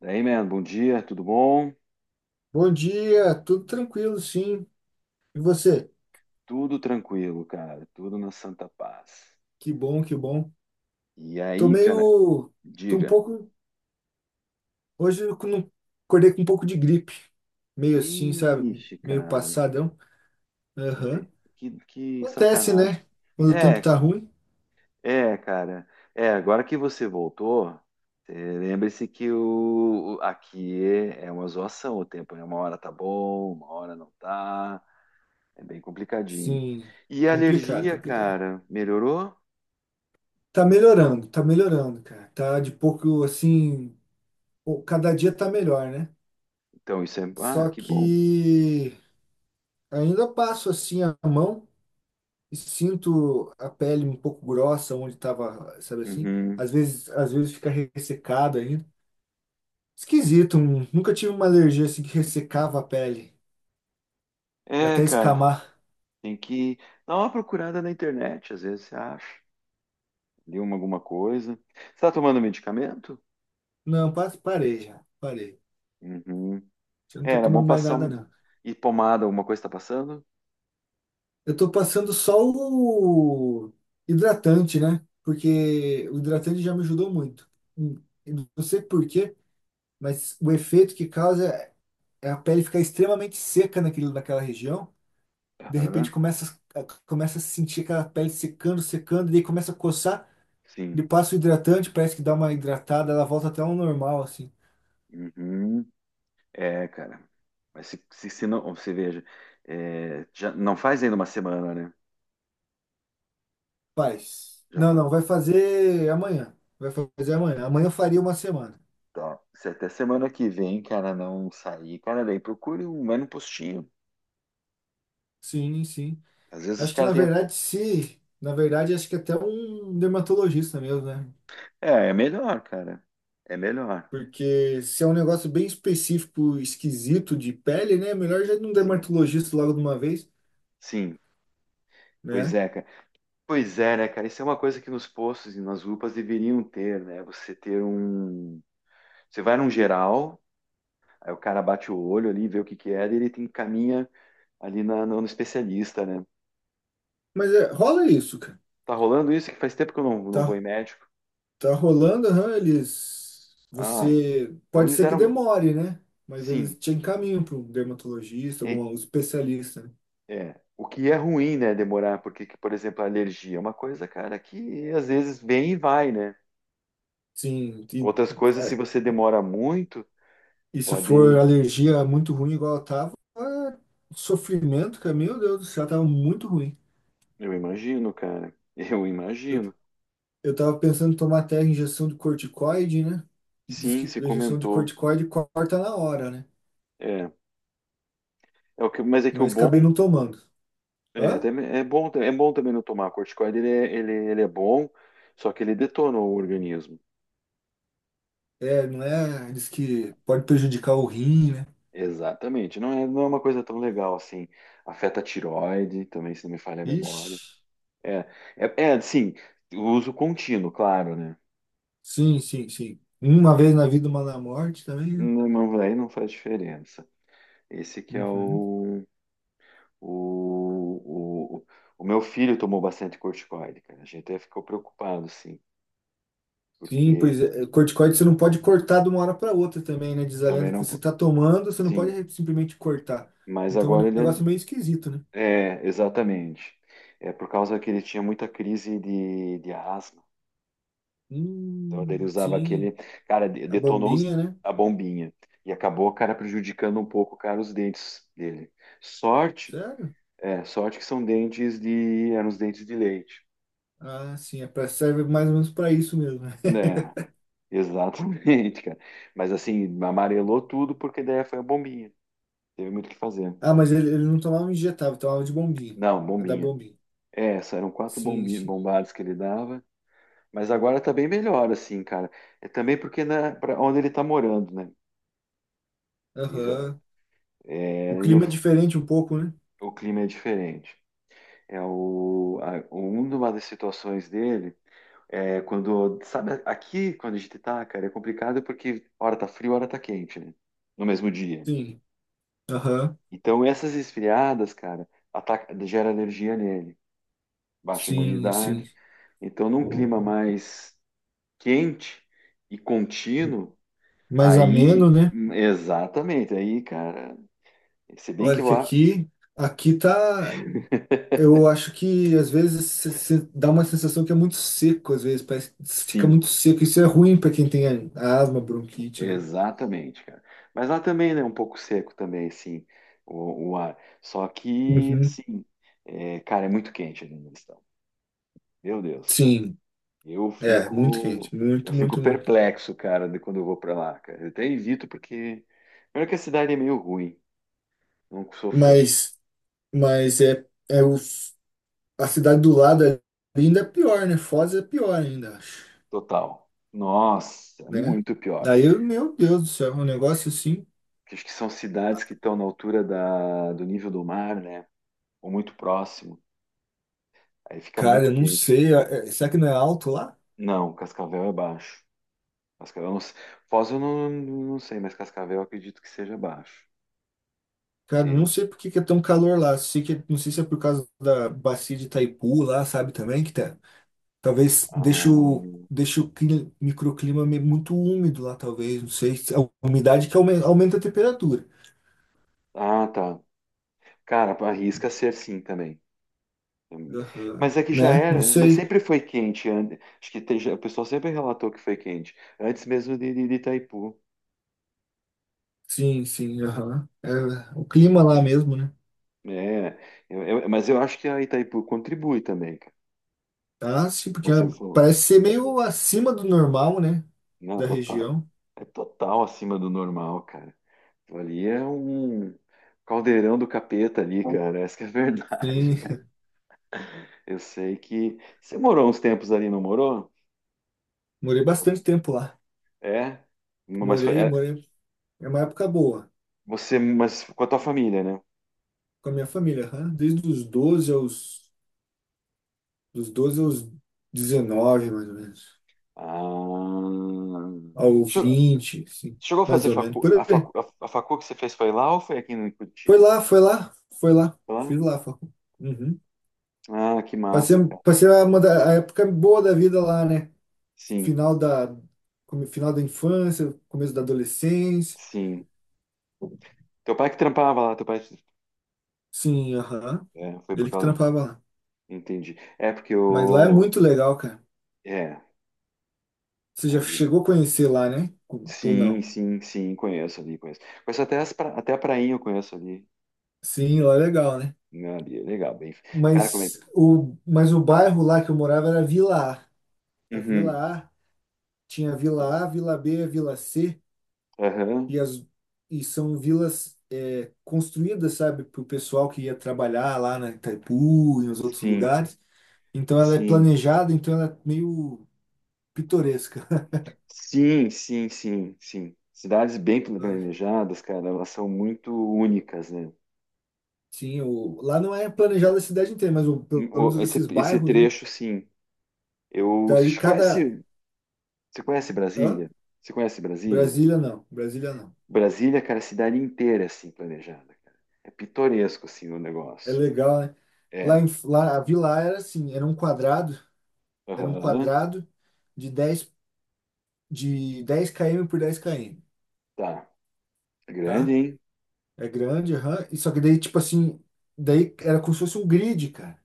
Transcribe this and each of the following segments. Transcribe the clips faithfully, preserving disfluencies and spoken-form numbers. Daí, man, bom dia, tudo bom? Bom dia, tudo tranquilo, sim. E você? Tudo tranquilo, cara, tudo na santa paz. Que bom, que bom. E Tô aí, cara, meio, tô um diga. pouco, hoje eu não- Acordei com um pouco de gripe, meio assim, sabe? Ixi, Meio cara, passadão. Aham. ente- que, que Acontece, sacanagem. né? Quando o tempo É, tá ruim. é, cara, é, agora que você voltou, é, lembre-se que o, o- aqui é, é uma zoação o tempo, né? Uma hora tá bom, uma hora não tá, é bem complicadinho. Sim, E a complicado, alergia, complicado. cara, melhorou? Tá melhorando, tá melhorando, cara. Tá de pouco assim, pô, cada dia tá melhor, né? Então, isso é, ah, Só que bom. que ainda passo assim a mão, sinto a pele um pouco grossa onde estava, sabe assim? Uhum. Às vezes, às vezes fica ressecado ainda. Esquisito, hum, nunca tive uma alergia assim que ressecava a pele, e É, até cara, escamar. tem que dar uma procurada na internet, às vezes você acha, leu uma- alguma coisa. Você está tomando medicamento? Não, pa- parei já, parei. Uhum. Eu não É, tô era bom tomando mais passar nada, um... não. e pomada, alguma coisa está passando? Eu tô passando só o hidratante, né? Porque o hidratante já me ajudou muito. Hum, eu não sei por quê, mas o efeito que causa é a pele ficar extremamente seca naquilo naquela região. De repente Aham, começa, a- começa a sentir aquela pele secando, secando, e daí começa a coçar, sim. ele passa o hidratante, parece que dá uma hidratada, ela volta até ao normal, assim. Uhum. É, cara. Mas se, se, se, não, você veja, é, já não faz ainda uma semana, né? Faz. Já Não, faz. não, vai fazer amanhã. Vai fazer amanhã. Amanhã eu faria uma semana. Tá. Se até semana que vem, cara, não sair, cara, daí procure um, vai num postinho. Sim, sim. Às vezes os Acho que caras na têm. verdade, se. Na verdade, acho que até um dermatologista mesmo, né? É, é melhor, cara. É melhor. Porque se é um negócio bem específico, esquisito de pele, né? Melhor já ir num Sim, dermatologista logo de uma vez, sim. Pois né? é, cara. Pois é, né, cara? Isso é uma coisa que nos postos e nas UPAs deveriam ter, né? Você ter um. Você vai num geral, aí o cara bate o olho ali, vê o que que é, daí ele te encaminha ali na- no, no especialista, né? Mas é, rola isso, cara. Tá rolando isso que faz tempo que eu não, não vou Tá, em médico. tá rolando, aham, eles. Ah, Você. então Pode eles ser que deram. demore, né? Mas Sim, eles te encaminham para um dermatologista, é, algum especialista, né? é. O que é ruim, né? Demorar, porque, que, por exemplo, a alergia é uma coisa, cara, que às vezes vem e vai, né? Sim, e, Outras coisas, se é, você demora muito, e se for pode. alergia muito ruim, igual eu tava, é sofrimento, cara, meu Deus do céu, tava muito ruim. Eu imagino, cara. Eu Eu, imagino. eu tava pensando em tomar até injeção de corticoide, né? E diz Sim, que se a injeção de comentou. corticoide corta na hora, né? É, é o que, mas é que o Mas bom acabei não tomando. é, Hã? também- é bom, é bom também não tomar corticoide, ele é, ele, ele é bom, só que ele detona o organismo. É, não é? Diz que pode prejudicar o rim, né? Exatamente. Não é, não é uma coisa tão legal assim. Afeta a tireoide, também se não me falha a Ixi. memória. É, é, é assim, uso contínuo, claro, né? Sim, sim, sim. Uma vez na vida, uma na morte também, né? Não, não- aí não faz diferença. Esse que é Uhum. o, o, o, o o meu filho tomou bastante corticoide, cara. A gente até ficou preocupado, sim, Sim, porque pois é. É, corticoide você não pode cortar de uma hora para outra também, né? Diz a também lenda que não. você po- está tomando, você não pode Sim, simplesmente cortar. mas Então é agora um ele. negócio meio esquisito, né? É, é, exatamente. É por causa que ele tinha muita crise de, de asma. Então daí ele Hum, usava sim. aquele. Cara, de- A detonou os- bombinha, né? a bombinha. E acabou, cara, prejudicando um pouco, cara, os dentes dele. Sorte, Sério? é, sorte que são dentes de. Eram os dentes de leite. Ah, sim. É pra, serve mais ou menos para isso mesmo. Né, exatamente, cara. Mas assim, amarelou tudo porque daí foi a bombinha. Teve muito o que fazer. Ah, mas ele, ele não tomava injetável, tomava de bombinha. Não, A da bombinha. bombinha. É, essa eram quatro Sim, bombi- sim. bombadas que ele dava. Mas agora tá bem melhor, assim, cara. É também porque né, para onde ele tá morando, né? E já, Aham. O é, e no- clima é diferente um pouco, né? o clima é diferente. É o, a, uma das situações dele é quando, sabe, aqui quando a gente tá, cara, é complicado porque hora tá frio, hora tá quente, né? No mesmo dia. Sim. Aham. Então essas esfriadas, cara, ataca, gera alergia nele, baixa Sim, sim. imunidade. Então num clima mais quente e contínuo. Mais ameno, Aí, né? exatamente, aí, cara, se bem que Olha que lá, aqui, aqui tá, eu acho que às vezes se- se dá uma sensação que é muito seco, às vezes parece que fica sim, muito seco. Isso é ruim para quem tem a- asma, bronquite, né? exatamente, cara. Mas lá também, né, um pouco seco também, assim, o, o ar. Só que, Uhum. assim, é, cara, é muito quente ali onde eles estão. Meu Deus, Sim, eu é muito fico, quente, eu muito, fico muito, muito. perplexo, cara, de quando eu vou pra lá, cara. Eu até evito porque, primeiro que a cidade é meio ruim, não sou fã, Mas, mas é, é o, a cidade do lado ali ainda é pior, né? Foz é pior ainda, acho, total. Nossa, né? muito pior. Daí, eu- meu Deus do céu, é um negócio assim, Acho que são cidades que estão na altura da, do nível do mar, né? Ou muito próximo, aí fica cara, muito eu não quente. sei, é- é- será que não é alto lá? Não, Cascavel é baixo. Cascavel, não, se- Foz eu não, não sei, mas Cascavel eu acredito que seja baixo. Cara, eu não Entende? sei por que que é tão calor lá. Sei que, não sei se é por causa da bacia de Itaipu lá, sabe, também, que tá. Talvez deixe o, Ah, deixe o cli- microclima me- muito úmido lá, talvez. Não sei. A umidade que aume- aumenta a temperatura. ah, tá. Cara, arrisca ser sim também. Aham. Mas é que já Né? Não era, mas sei. sempre foi quente. an- Acho que tem, o pessoal sempre relatou que foi quente, antes mesmo de, de, de Itaipu. Sim, sim, aham. É o clima lá mesmo, né? É, eu- eu- mas eu acho que a Itaipu contribui também, cara. Ah, sim, porque ah, Você falou, parece ser meio acima do normal, né? não, Da total, região. é total acima do normal, cara. Ali é um caldeirão do capeta ali, cara. Essa que é a verdade. Sim. Eu sei que você morou uns tempos ali, não morou? Morei bastante tempo lá. É? Mas foi Morei, é, morei. É uma época boa. você, mas com a tua família, né? Com a minha família, aham. Desde os doze aos, dos doze aos dezenove mais ou menos. Ah, Ao Che- vinte, sim, chegou a mais fazer ou menos, facu... por A, aí. facu... a a facu que você fez foi lá ou foi aqui em Foi Curitiba? lá, foi lá, foi lá. Foi lá? Fiz lá, Facul. Uhum. Ah, que Passei, massa, cara. passei a, uma da- a época boa da vida lá, né? Sim, Final da, come- final da infância, começo da adolescência. sim. Teu pai que trampava lá, teu pai. Sim, aham. É, foi por Ele que causa. trampava lá. Entendi. É porque Mas lá é eu. muito legal, cara. É. Você já aí chegou a conhecer lá, né? Ou Sim, não? sim, sim, conheço ali, conheço. Conheço até, as pra... até a prainha eu conheço ali. Sim, lá é legal, né? Né, ali, é legal, bem. Cara, como é que. Mas o, mas o bairro lá que eu morava era Vila A. A Uhum. Vila A tinha Vila A, Vila B, a Vila C, Aham. e, as, e são vilas é, construídas, sabe, para o pessoal que ia trabalhar lá na Itaipu e nos outros Sim, lugares. Então ela é sim, planejada, então ela é meio pitoresca. sim, sim, sim, sim. Cidades bem planejadas, cara, elas são muito únicas, né? Sim, o, lá não é planejada a cidade inteira, mas o, pelo Hum, menos O- Esse, esses esse bairros, né? trecho, sim. Eu, Daí você cada. conhece, Você conhece Hã? Brasília? Você conhece Brasília? Brasília não, Brasília não. Brasília, cara, é a cidade inteira é assim planejada, cara. É pitoresco, assim, o É negócio. legal, né? Lá, É. em, lá, a vila era assim, era um quadrado, era um Aham, quadrado de dez, de dez km por dez quilômetros, tá. Grande, tá? hein? É grande, aham. E só que daí, tipo assim, daí era como se fosse um grid, cara.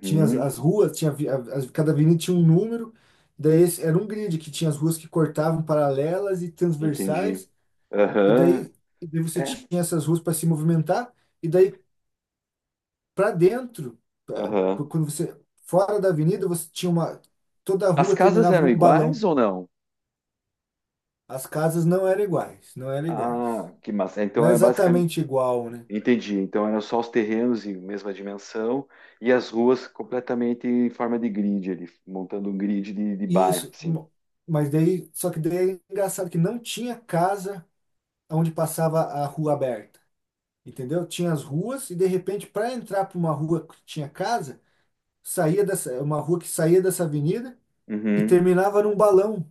Tinha as, as ruas, tinha, vi- a- as- cada avenida tinha um número, daí esse- era um grid que tinha as ruas que cortavam paralelas e entendi. transversais, e Aham, daí, e daí você é, tinha essas ruas para se movimentar, e daí para dentro, pra- aham. quando você fora da avenida, você tinha uma toda a As rua casas terminava eram num iguais balão. ou não? As casas não eram iguais, não eram iguais. Ah, que massa. Não Então é é basicamente. exatamente igual, né? Entendi. Então eram só os terrenos em mesma dimensão e as ruas completamente em forma de grid ali, montando um grid de, de bairro, Isso, assim. mo- mas daí, só que daí é engraçado que não tinha casa onde passava a rua aberta, entendeu? Tinha as ruas e de repente para entrar para uma rua que tinha casa, saía dessa uma rua que saía dessa avenida e Uhum. terminava num balão,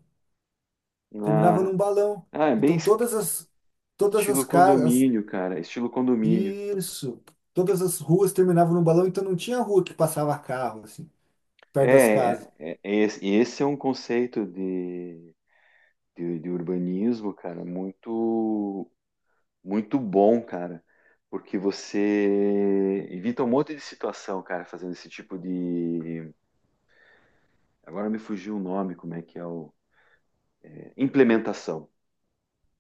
terminava Ah, num balão. ah, é bem Então es- todas as todas as estilo casas, condomínio, cara. Estilo condomínio. isso. Todas as ruas terminavam no balão, então não tinha rua que passava carro, assim, perto das É, casas. é, é- é esse esse é um conceito de, de, de urbanismo, cara, muito Muito bom, cara, porque você evita um monte de situação, cara, fazendo esse tipo de. Agora me fugiu o nome, como é que é o. é, Implementação.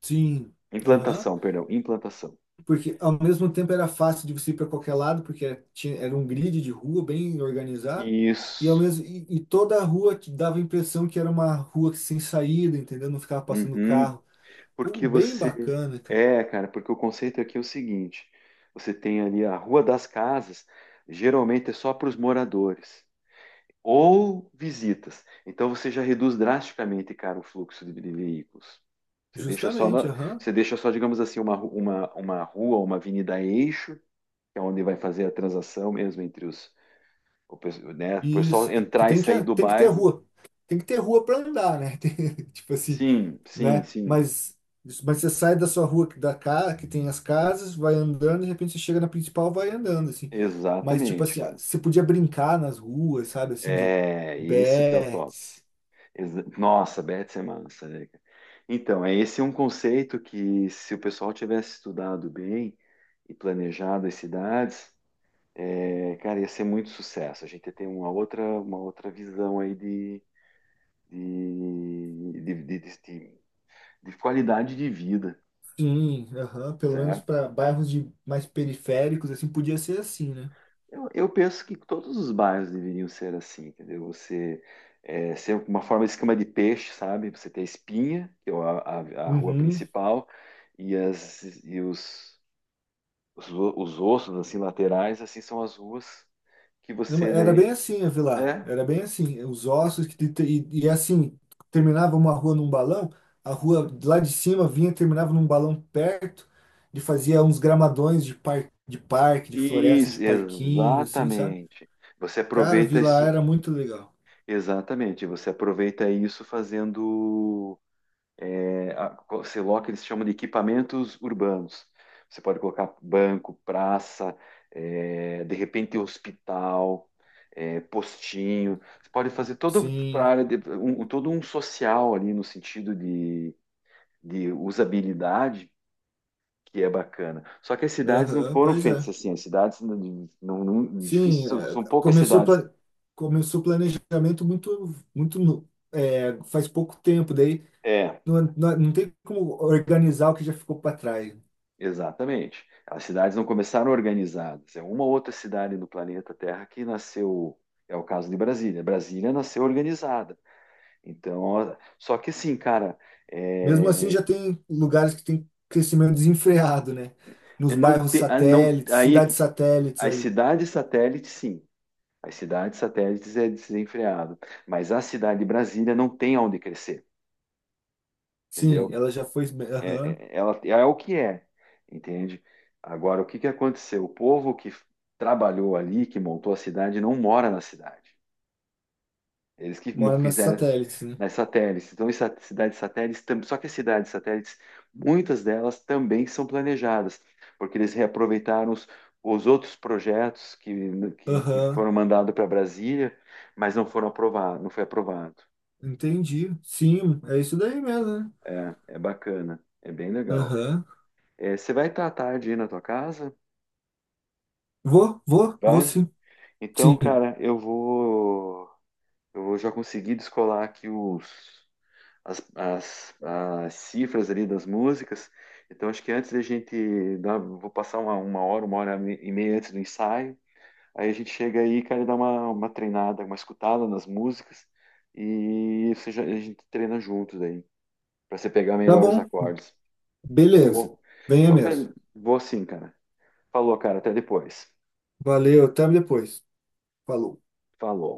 Sim. Aham. Implantação, perdão, implantação. Porque ao mesmo tempo era fácil de você ir para qualquer lado, porque tinha, era um grid de rua bem organizado. E, ao Isso. mesmo, e, e toda a rua te dava a impressão que era uma rua que sem saída, entendeu? Não ficava passando Uhum. carro. Pô, Porque bem você. bacana, cara. É, cara, porque o conceito aqui é o seguinte: você tem ali a Rua das Casas, geralmente é só para os moradores ou visitas. Então você já reduz drasticamente, cara, o fluxo de, de veículos. Você deixa só, Justamente, na- aham. você deixa só, digamos assim, uma, ru- uma, uma rua, uma avenida eixo, que é onde vai fazer a transação mesmo entre os, o, pe- né? O pessoal Isso, que, que entrar e tem que, sair do tem que ter bairro. rua. Tem que ter rua para andar, né? Tem- tipo assim, Sim, sim, né? sim, Mas, mas você sai da sua rua que- da casa, que tem as casas, vai andando, de repente você chega na principal, vai andando, assim. Mas, tipo exatamente, assim, ah, cara. você podia brincar nas ruas, sabe? Assim, de É isso que é o top. bets. Exa- Nossa, Betis é massa, né, cara? Então, é, esse é um conceito que se o pessoal tivesse estudado bem e planejado as cidades, é, cara, ia ser muito sucesso. A gente tem uma outra, uma outra visão aí de, de, de, de, de- de qualidade de vida, Sim, aham, pelo menos certo? para bairros de mais periféricos, assim, podia ser assim, né? Eu, eu penso que todos os bairros deveriam ser assim, entendeu? Você é, ser uma forma de esquema de peixe, sabe? Você tem a Espinha, que é a, a- a rua Uhum. principal, e, as, e os, os, os ossos assim laterais, assim são as ruas que Não, você era daí, bem assim a vila, é, era bem assim. Os ossos que te- te- e, e assim, terminava uma rua num balão, a rua lá de cima vinha, e terminava num balão perto, e fazia uns gramadões de, par, de parque, de floresta, de isso, parquinho, assim, sabe? exatamente. Você Cara, aproveita vila isso, era muito legal. exatamente. Você aproveita isso fazendo, é, a- você coloca, eles chamam de equipamentos urbanos. Você pode colocar banco, praça, é, de repente hospital, é, postinho. Você pode fazer todo para Sim, área de- um, um, todo um social ali no sentido de, de usabilidade que é bacana. Só que as cidades não aham, foram pois feitas é. assim, as cidades não, não, não- difícil, Sim, são, é, são poucas começou cidades. pla- começou o planejamento muito muito no- é, faz pouco tempo, daí É, não, não, não tem como organizar o que já ficou para trás. exatamente. As cidades não começaram organizadas. É uma outra cidade do planeta Terra que nasceu, é o caso de Brasília. Brasília nasceu organizada. Então, ó, só que assim, cara, Mesmo assim, é, já tem lugares que tem crescimento desenfreado, né? é Nos não bairros ter, ah, não, satélites, aí é cidades que- satélites as ali. cidades satélites, sim. As cidades satélites é desenfreado, mas a cidade de Brasília não tem onde crescer, Sim, entendeu? ela já foi. é, Aham. é- é, ela é o que é, entende? Agora, o que que aconteceu? O povo que trabalhou ali, que montou a cidade, não mora na cidade. Eles que mo- Mora nas fizeram satélites, né? nas satélites. Então, as cidades satélites, tam- só que as cidades satélites, muitas delas também são planejadas, porque eles reaproveitaram os, os outros projetos que, que, que Aham. foram mandados para Brasília, mas não foram aprovados, não foi aprovado. Entendi. Sim, é isso daí mesmo, né? É, é bacana, é bem legal, cara. Aham. É, você vai estar à tarde aí na tua casa? Vou, vou, vou Vai? sim. Então, Sim. cara, eu vou, eu vou, já conseguir descolar aqui os, as, as, as cifras ali das músicas. Então, acho que antes da gente dar, vou passar uma, uma hora, uma hora e meia antes do ensaio. Aí a gente chega aí, cara, e dá uma, uma treinada, uma escutada nas músicas e você já- a gente treina juntos aí, para você pegar Tá melhor os bom. acordes. Beleza. Bom, Venha então, bem, mesmo. vou assim, cara. Falou, cara, até depois. Valeu, até depois. Falou. Falou.